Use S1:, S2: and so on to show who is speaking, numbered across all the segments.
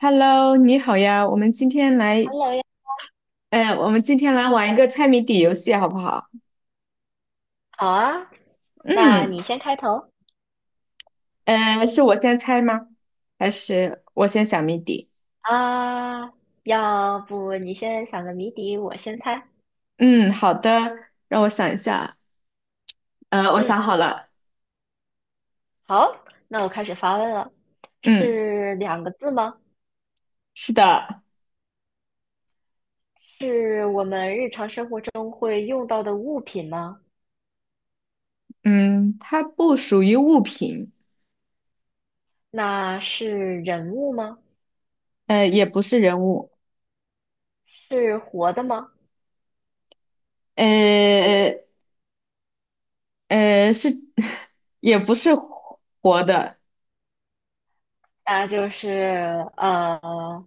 S1: Hello，你好呀，我们今天来，
S2: Hello 呀，
S1: 我们今天来玩一个猜谜底游戏，好不好？
S2: 好啊，那
S1: 嗯，
S2: 你先开头
S1: 是我先猜吗？还是我先想谜底？
S2: 啊，要不你先想个谜底，我先猜。
S1: 嗯，好的，让我想一下。我
S2: 嗯，
S1: 想好了。
S2: 好，那我开始发问了。
S1: 嗯，
S2: 是两个字吗？
S1: 是的。
S2: 是我们日常生活中会用到的物品吗？
S1: 嗯，它不属于物品。
S2: 那是人物吗？
S1: 也不是人物。
S2: 是活的吗？
S1: 呃是，也不是活的。
S2: 那就是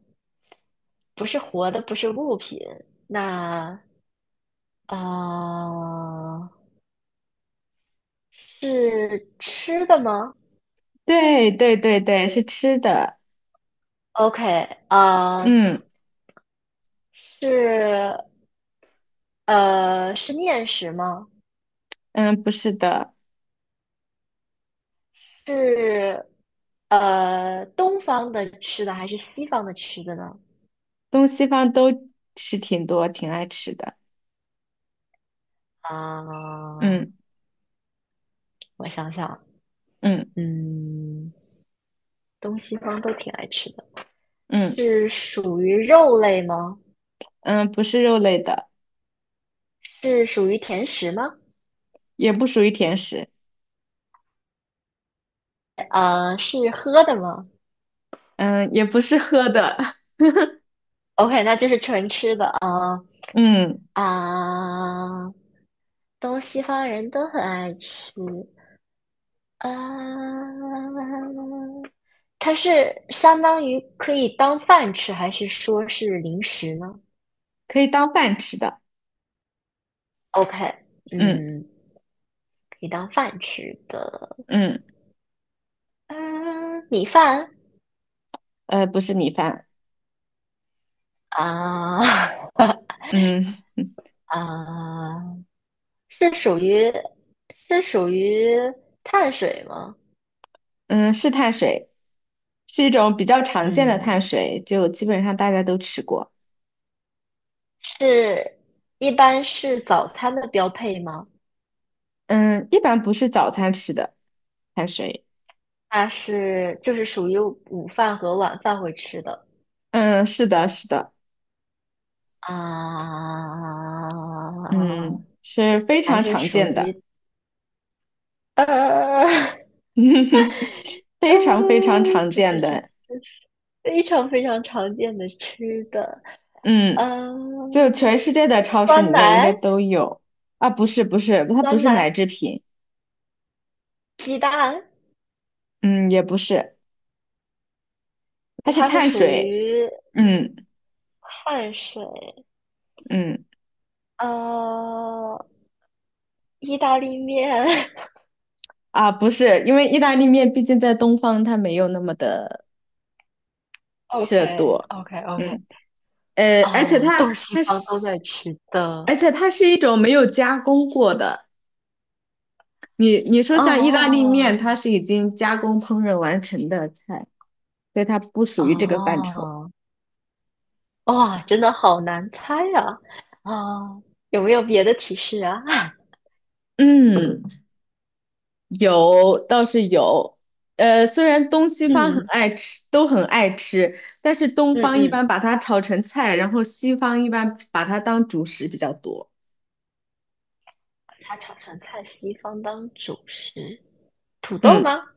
S2: 不是活的，不是物品。那啊，是吃的吗
S1: 对对对对，是吃的。
S2: ？OK，啊、
S1: 嗯
S2: 是是面食吗？
S1: 嗯，不是的。
S2: 是东方的吃的还是西方的吃的呢？
S1: 东西方都吃挺多，挺爱吃的。
S2: 啊、
S1: 嗯
S2: 我想想，
S1: 嗯
S2: 嗯，东西方都挺爱吃的。
S1: 嗯
S2: 是属于肉类吗？
S1: 嗯，不是肉类的，
S2: 是属于甜食吗？
S1: 也不属于甜食。
S2: 啊，是喝的吗
S1: 嗯，也不是喝的。
S2: ？OK，那就是纯吃的啊
S1: 嗯，
S2: 啊、东西方人都很爱吃，啊，它是相当于可以当饭吃，还是说是零食呢
S1: 可以当饭吃的。
S2: ？OK，
S1: 嗯
S2: 嗯，可以当饭吃的，
S1: 嗯，
S2: 嗯，米饭
S1: 不是米饭。
S2: 啊
S1: 嗯
S2: 啊，是属于是属于碳水吗？
S1: 嗯，是碳水，是一种比较常见的碳
S2: 嗯，
S1: 水，就基本上大家都吃过。
S2: 是一般是早餐的标配吗？
S1: 嗯，一般不是早餐吃的碳水。
S2: 那是就是属于午饭和晚饭会吃的。
S1: 嗯，是的，是的。
S2: 啊，
S1: 嗯，是非
S2: 还
S1: 常
S2: 是
S1: 常见
S2: 属
S1: 的，
S2: 于呃 呃，
S1: 非常非常常
S2: 这这
S1: 见
S2: 这这
S1: 的。
S2: 非常非常常见的吃的，
S1: 嗯。
S2: 嗯、
S1: 就全世界的超市里
S2: 酸
S1: 面应
S2: 奶、
S1: 该都有。啊，不是不是，它不
S2: 酸
S1: 是奶
S2: 奶、
S1: 制品。
S2: 鸡蛋，
S1: 嗯，也不是，它
S2: 那
S1: 是
S2: 它是
S1: 碳
S2: 属
S1: 水。
S2: 于
S1: 嗯
S2: 碳水，
S1: 嗯
S2: 呃，意大利面
S1: 啊，不是，因为意大利面毕竟在东方它没有那么的
S2: o
S1: 吃
S2: k
S1: 的多。
S2: o k o k
S1: 嗯 而且
S2: 啊，
S1: 它
S2: 东西
S1: 它
S2: 方都
S1: 是，
S2: 在吃的，
S1: 而且它是一种没有加工过的。你你说像意大利
S2: 哦
S1: 面，它是已经加工烹饪完成的菜，所以它不属于这个范畴。
S2: 哦。哇，真的好难猜呀！啊，有没有别的提示啊？
S1: 嗯。有，倒是有。虽然东西方很
S2: 嗯
S1: 爱吃，都很爱吃，但是东方一
S2: 嗯，
S1: 般把它炒成菜，然后西方一般把它当主食比较多。
S2: 它炒成菜，西方当主食，土豆
S1: 嗯，
S2: 吗？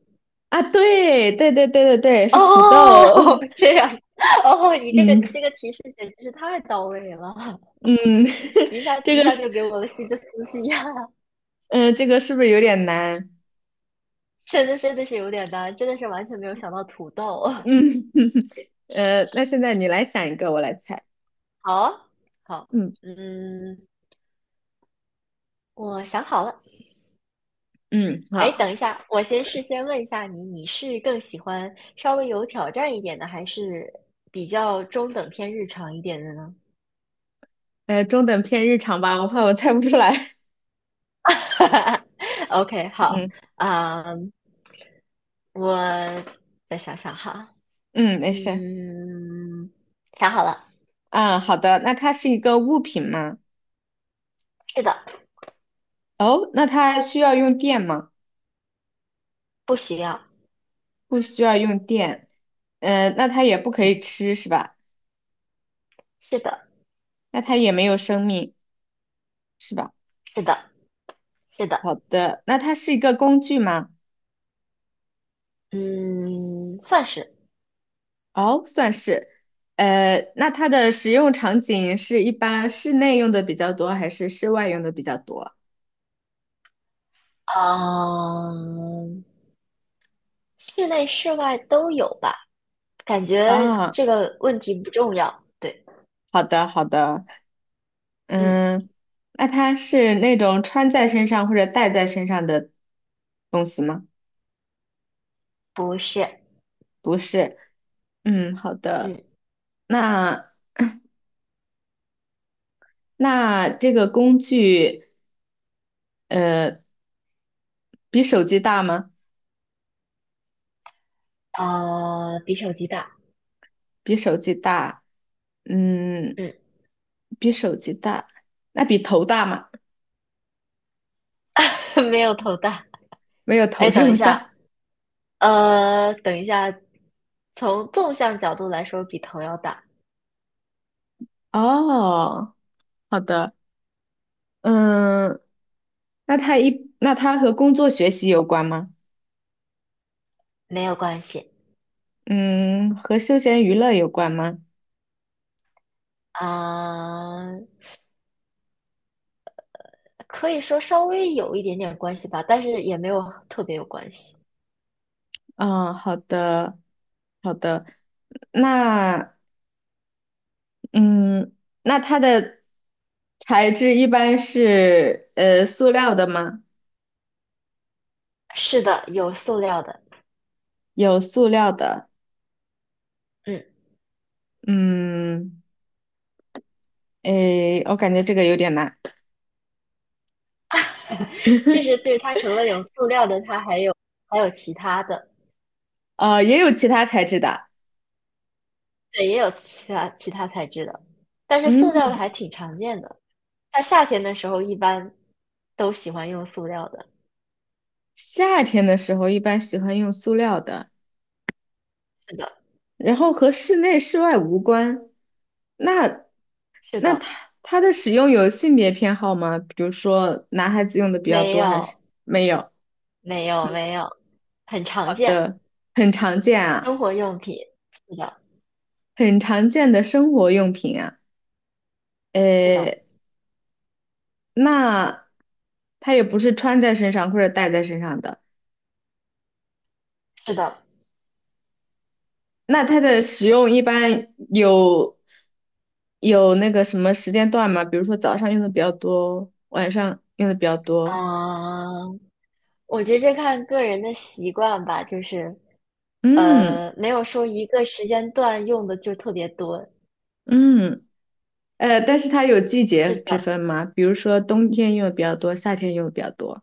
S1: 啊，对，对对对对对，
S2: 哦，
S1: 是土豆。
S2: 这样，哦，你这个你
S1: 嗯
S2: 这个提示简直是太到位了，
S1: 嗯，
S2: 一下
S1: 这
S2: 一
S1: 个
S2: 下
S1: 是，
S2: 就给我了新的思绪呀、
S1: 嗯、这个是不是有点难？
S2: 真的真的是有点难，真的是完全没有想到土豆。
S1: 嗯，那现在你来想一个，我来猜。
S2: 好啊，好，
S1: 嗯
S2: 嗯，我想好了。
S1: 嗯，
S2: 哎，
S1: 好。
S2: 等一下，我先事先问一下你，你是更喜欢稍微有挑战一点的，还是比较中等偏日常一点的呢
S1: 呃，中等偏日常吧，我怕我猜不出来。
S2: ？OK，好，
S1: 嗯
S2: 啊、我再想想哈，
S1: 嗯，没事。
S2: 嗯，想好了，
S1: 啊，好的，那它是一个物品吗？
S2: 是的，
S1: 哦，那它需要用电吗？
S2: 不需要，
S1: 不需要用电。嗯、那它也不可
S2: 嗯，
S1: 以吃是吧？
S2: 是的，
S1: 那它也没有生命是吧？
S2: 是的，是的，
S1: 好的，那它是一个工具吗？
S2: 嗯，算是，
S1: 哦，算是。那它的使用场景是一般室内用的比较多，还是室外用的比较多？
S2: 嗯，室内室外都有吧，感觉
S1: 啊，
S2: 这个问题不重要，对，
S1: 好的，好的。
S2: 嗯。
S1: 嗯，那它是那种穿在身上或者戴在身上的东西吗？
S2: 不是，
S1: 不是。嗯，好的。
S2: 嗯，
S1: 那那这个工具，呃，比手机大吗？
S2: 比手机大，
S1: 比手机大，嗯，
S2: 嗯，
S1: 比手机大，那比头大吗？
S2: 没有头大。
S1: 没有头
S2: 哎，
S1: 这
S2: 等一
S1: 么
S2: 下，
S1: 大。
S2: 等一下，从纵向角度来说，比头要大，
S1: 哦，好的。嗯，那那它和工作学习有关吗？
S2: 没有关系
S1: 嗯，和休闲娱乐有关吗？
S2: 啊，可以说稍微有一点点关系吧，但是也没有特别有关系。
S1: 嗯，好的，好的。那嗯，那它的材质一般是塑料的吗？
S2: 是的，有塑料的，
S1: 有塑料的。
S2: 嗯，
S1: 嗯，诶，我感觉这个有点难。
S2: 就是它除了有塑料的，它还有其他的，
S1: 也有其他材质的。
S2: 对，也有其他材质的，但是塑料的
S1: 嗯，
S2: 还挺常见的。在夏天的时候一般都喜欢用塑料的。
S1: 夏天的时候一般喜欢用塑料的，
S2: 是的，
S1: 然后和室内室外无关。那
S2: 是的，
S1: 它它的使用有性别偏好吗？比如说男孩子用的比较
S2: 没
S1: 多还是
S2: 有，
S1: 没有？
S2: 没有，很
S1: 好
S2: 常见。
S1: 的，很常见啊，
S2: 生活用品，是的，
S1: 很常见的生活用品啊。
S2: 是的，
S1: 呃，那它也不是穿在身上或者戴在身上的。
S2: 是的。
S1: 那它的使用一般有那个什么时间段吗？比如说早上用的比较多，晚上用的比较多。
S2: 嗯，我觉得这看个人的习惯吧，就是，
S1: 嗯
S2: 没有说一个时间段用的就特别多。
S1: 嗯，但是它有季节
S2: 是
S1: 之
S2: 的，
S1: 分吗？比如说冬天用的比较多，夏天用的比较多。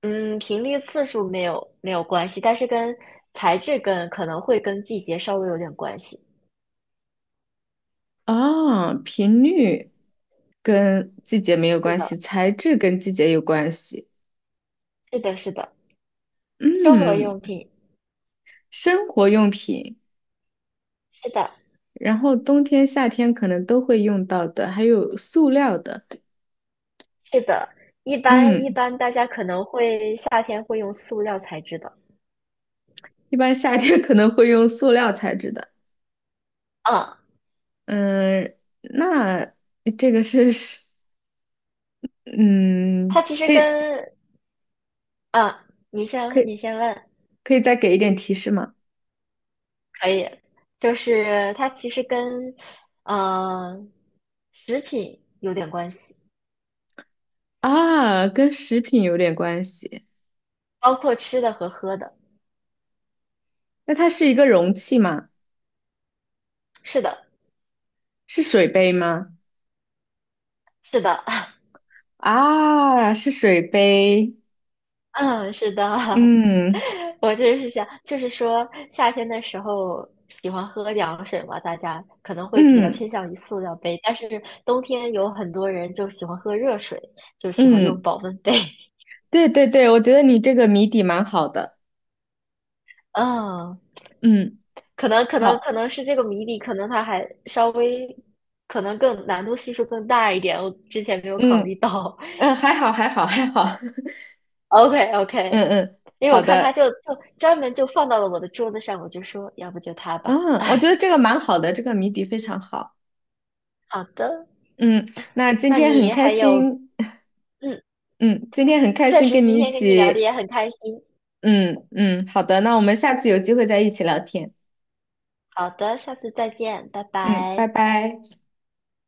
S2: 嗯，频率次数没有关系，但是跟材质跟可能会跟季节稍微有点关系。
S1: 哦，频率跟季节没有
S2: 是
S1: 关
S2: 的，
S1: 系，材质跟季节有关系。
S2: 是的，是的，生活
S1: 嗯，
S2: 用品。
S1: 生活用品。
S2: 是的，
S1: 然后冬天、夏天可能都会用到的，还有塑料的。
S2: 是的，一般一
S1: 嗯，
S2: 般大家可能会夏天会用塑料材质的，
S1: 一般夏天可能会用塑料材质的。
S2: 嗯，
S1: 嗯，那这个是，嗯，
S2: 它其实
S1: 可以
S2: 跟嗯，你
S1: 可
S2: 先
S1: 以
S2: 你先问，
S1: 可以再给一点提示吗？
S2: 可以，就是它其实跟呃食品有点关系，
S1: 啊，跟食品有点关系。
S2: 包括吃的和喝的，
S1: 那它是一个容器吗？
S2: 是的，
S1: 是水杯吗？
S2: 是的，
S1: 啊，是水杯。
S2: 嗯，是的，
S1: 嗯
S2: 我就是想，就是说夏天的时候喜欢喝凉水嘛，大家可能会比较
S1: 嗯
S2: 偏向于塑料杯，但是冬天有很多人就喜欢喝热水，就喜欢用
S1: 嗯，
S2: 保温杯。
S1: 对对对，我觉得你这个谜底蛮好的。
S2: 嗯，
S1: 嗯，
S2: 可能
S1: 好，
S2: 可能是这个谜底，可能它还稍微，可能更难度系数更大一点，我之前没有考
S1: 嗯。
S2: 虑 到。
S1: 嗯，还好，还好，还好。
S2: OK
S1: 嗯
S2: OK，
S1: 嗯，
S2: 因为我
S1: 好
S2: 看他
S1: 的。
S2: 就专门就放到了我的桌子上，我就说要不就它吧。
S1: 嗯，我
S2: 哎，
S1: 觉得这个蛮好的，这个谜底非常好。
S2: 好的。
S1: 嗯，那今
S2: 那
S1: 天很
S2: 你
S1: 开
S2: 还有，
S1: 心。
S2: 嗯，
S1: 嗯，今天很开
S2: 确
S1: 心
S2: 实
S1: 跟
S2: 今
S1: 你一
S2: 天跟你聊的
S1: 起。
S2: 也很开心。
S1: 嗯嗯，好的，那我们下次有机会再一起聊天。
S2: 好的，下次再见，拜
S1: 嗯，拜
S2: 拜。
S1: 拜。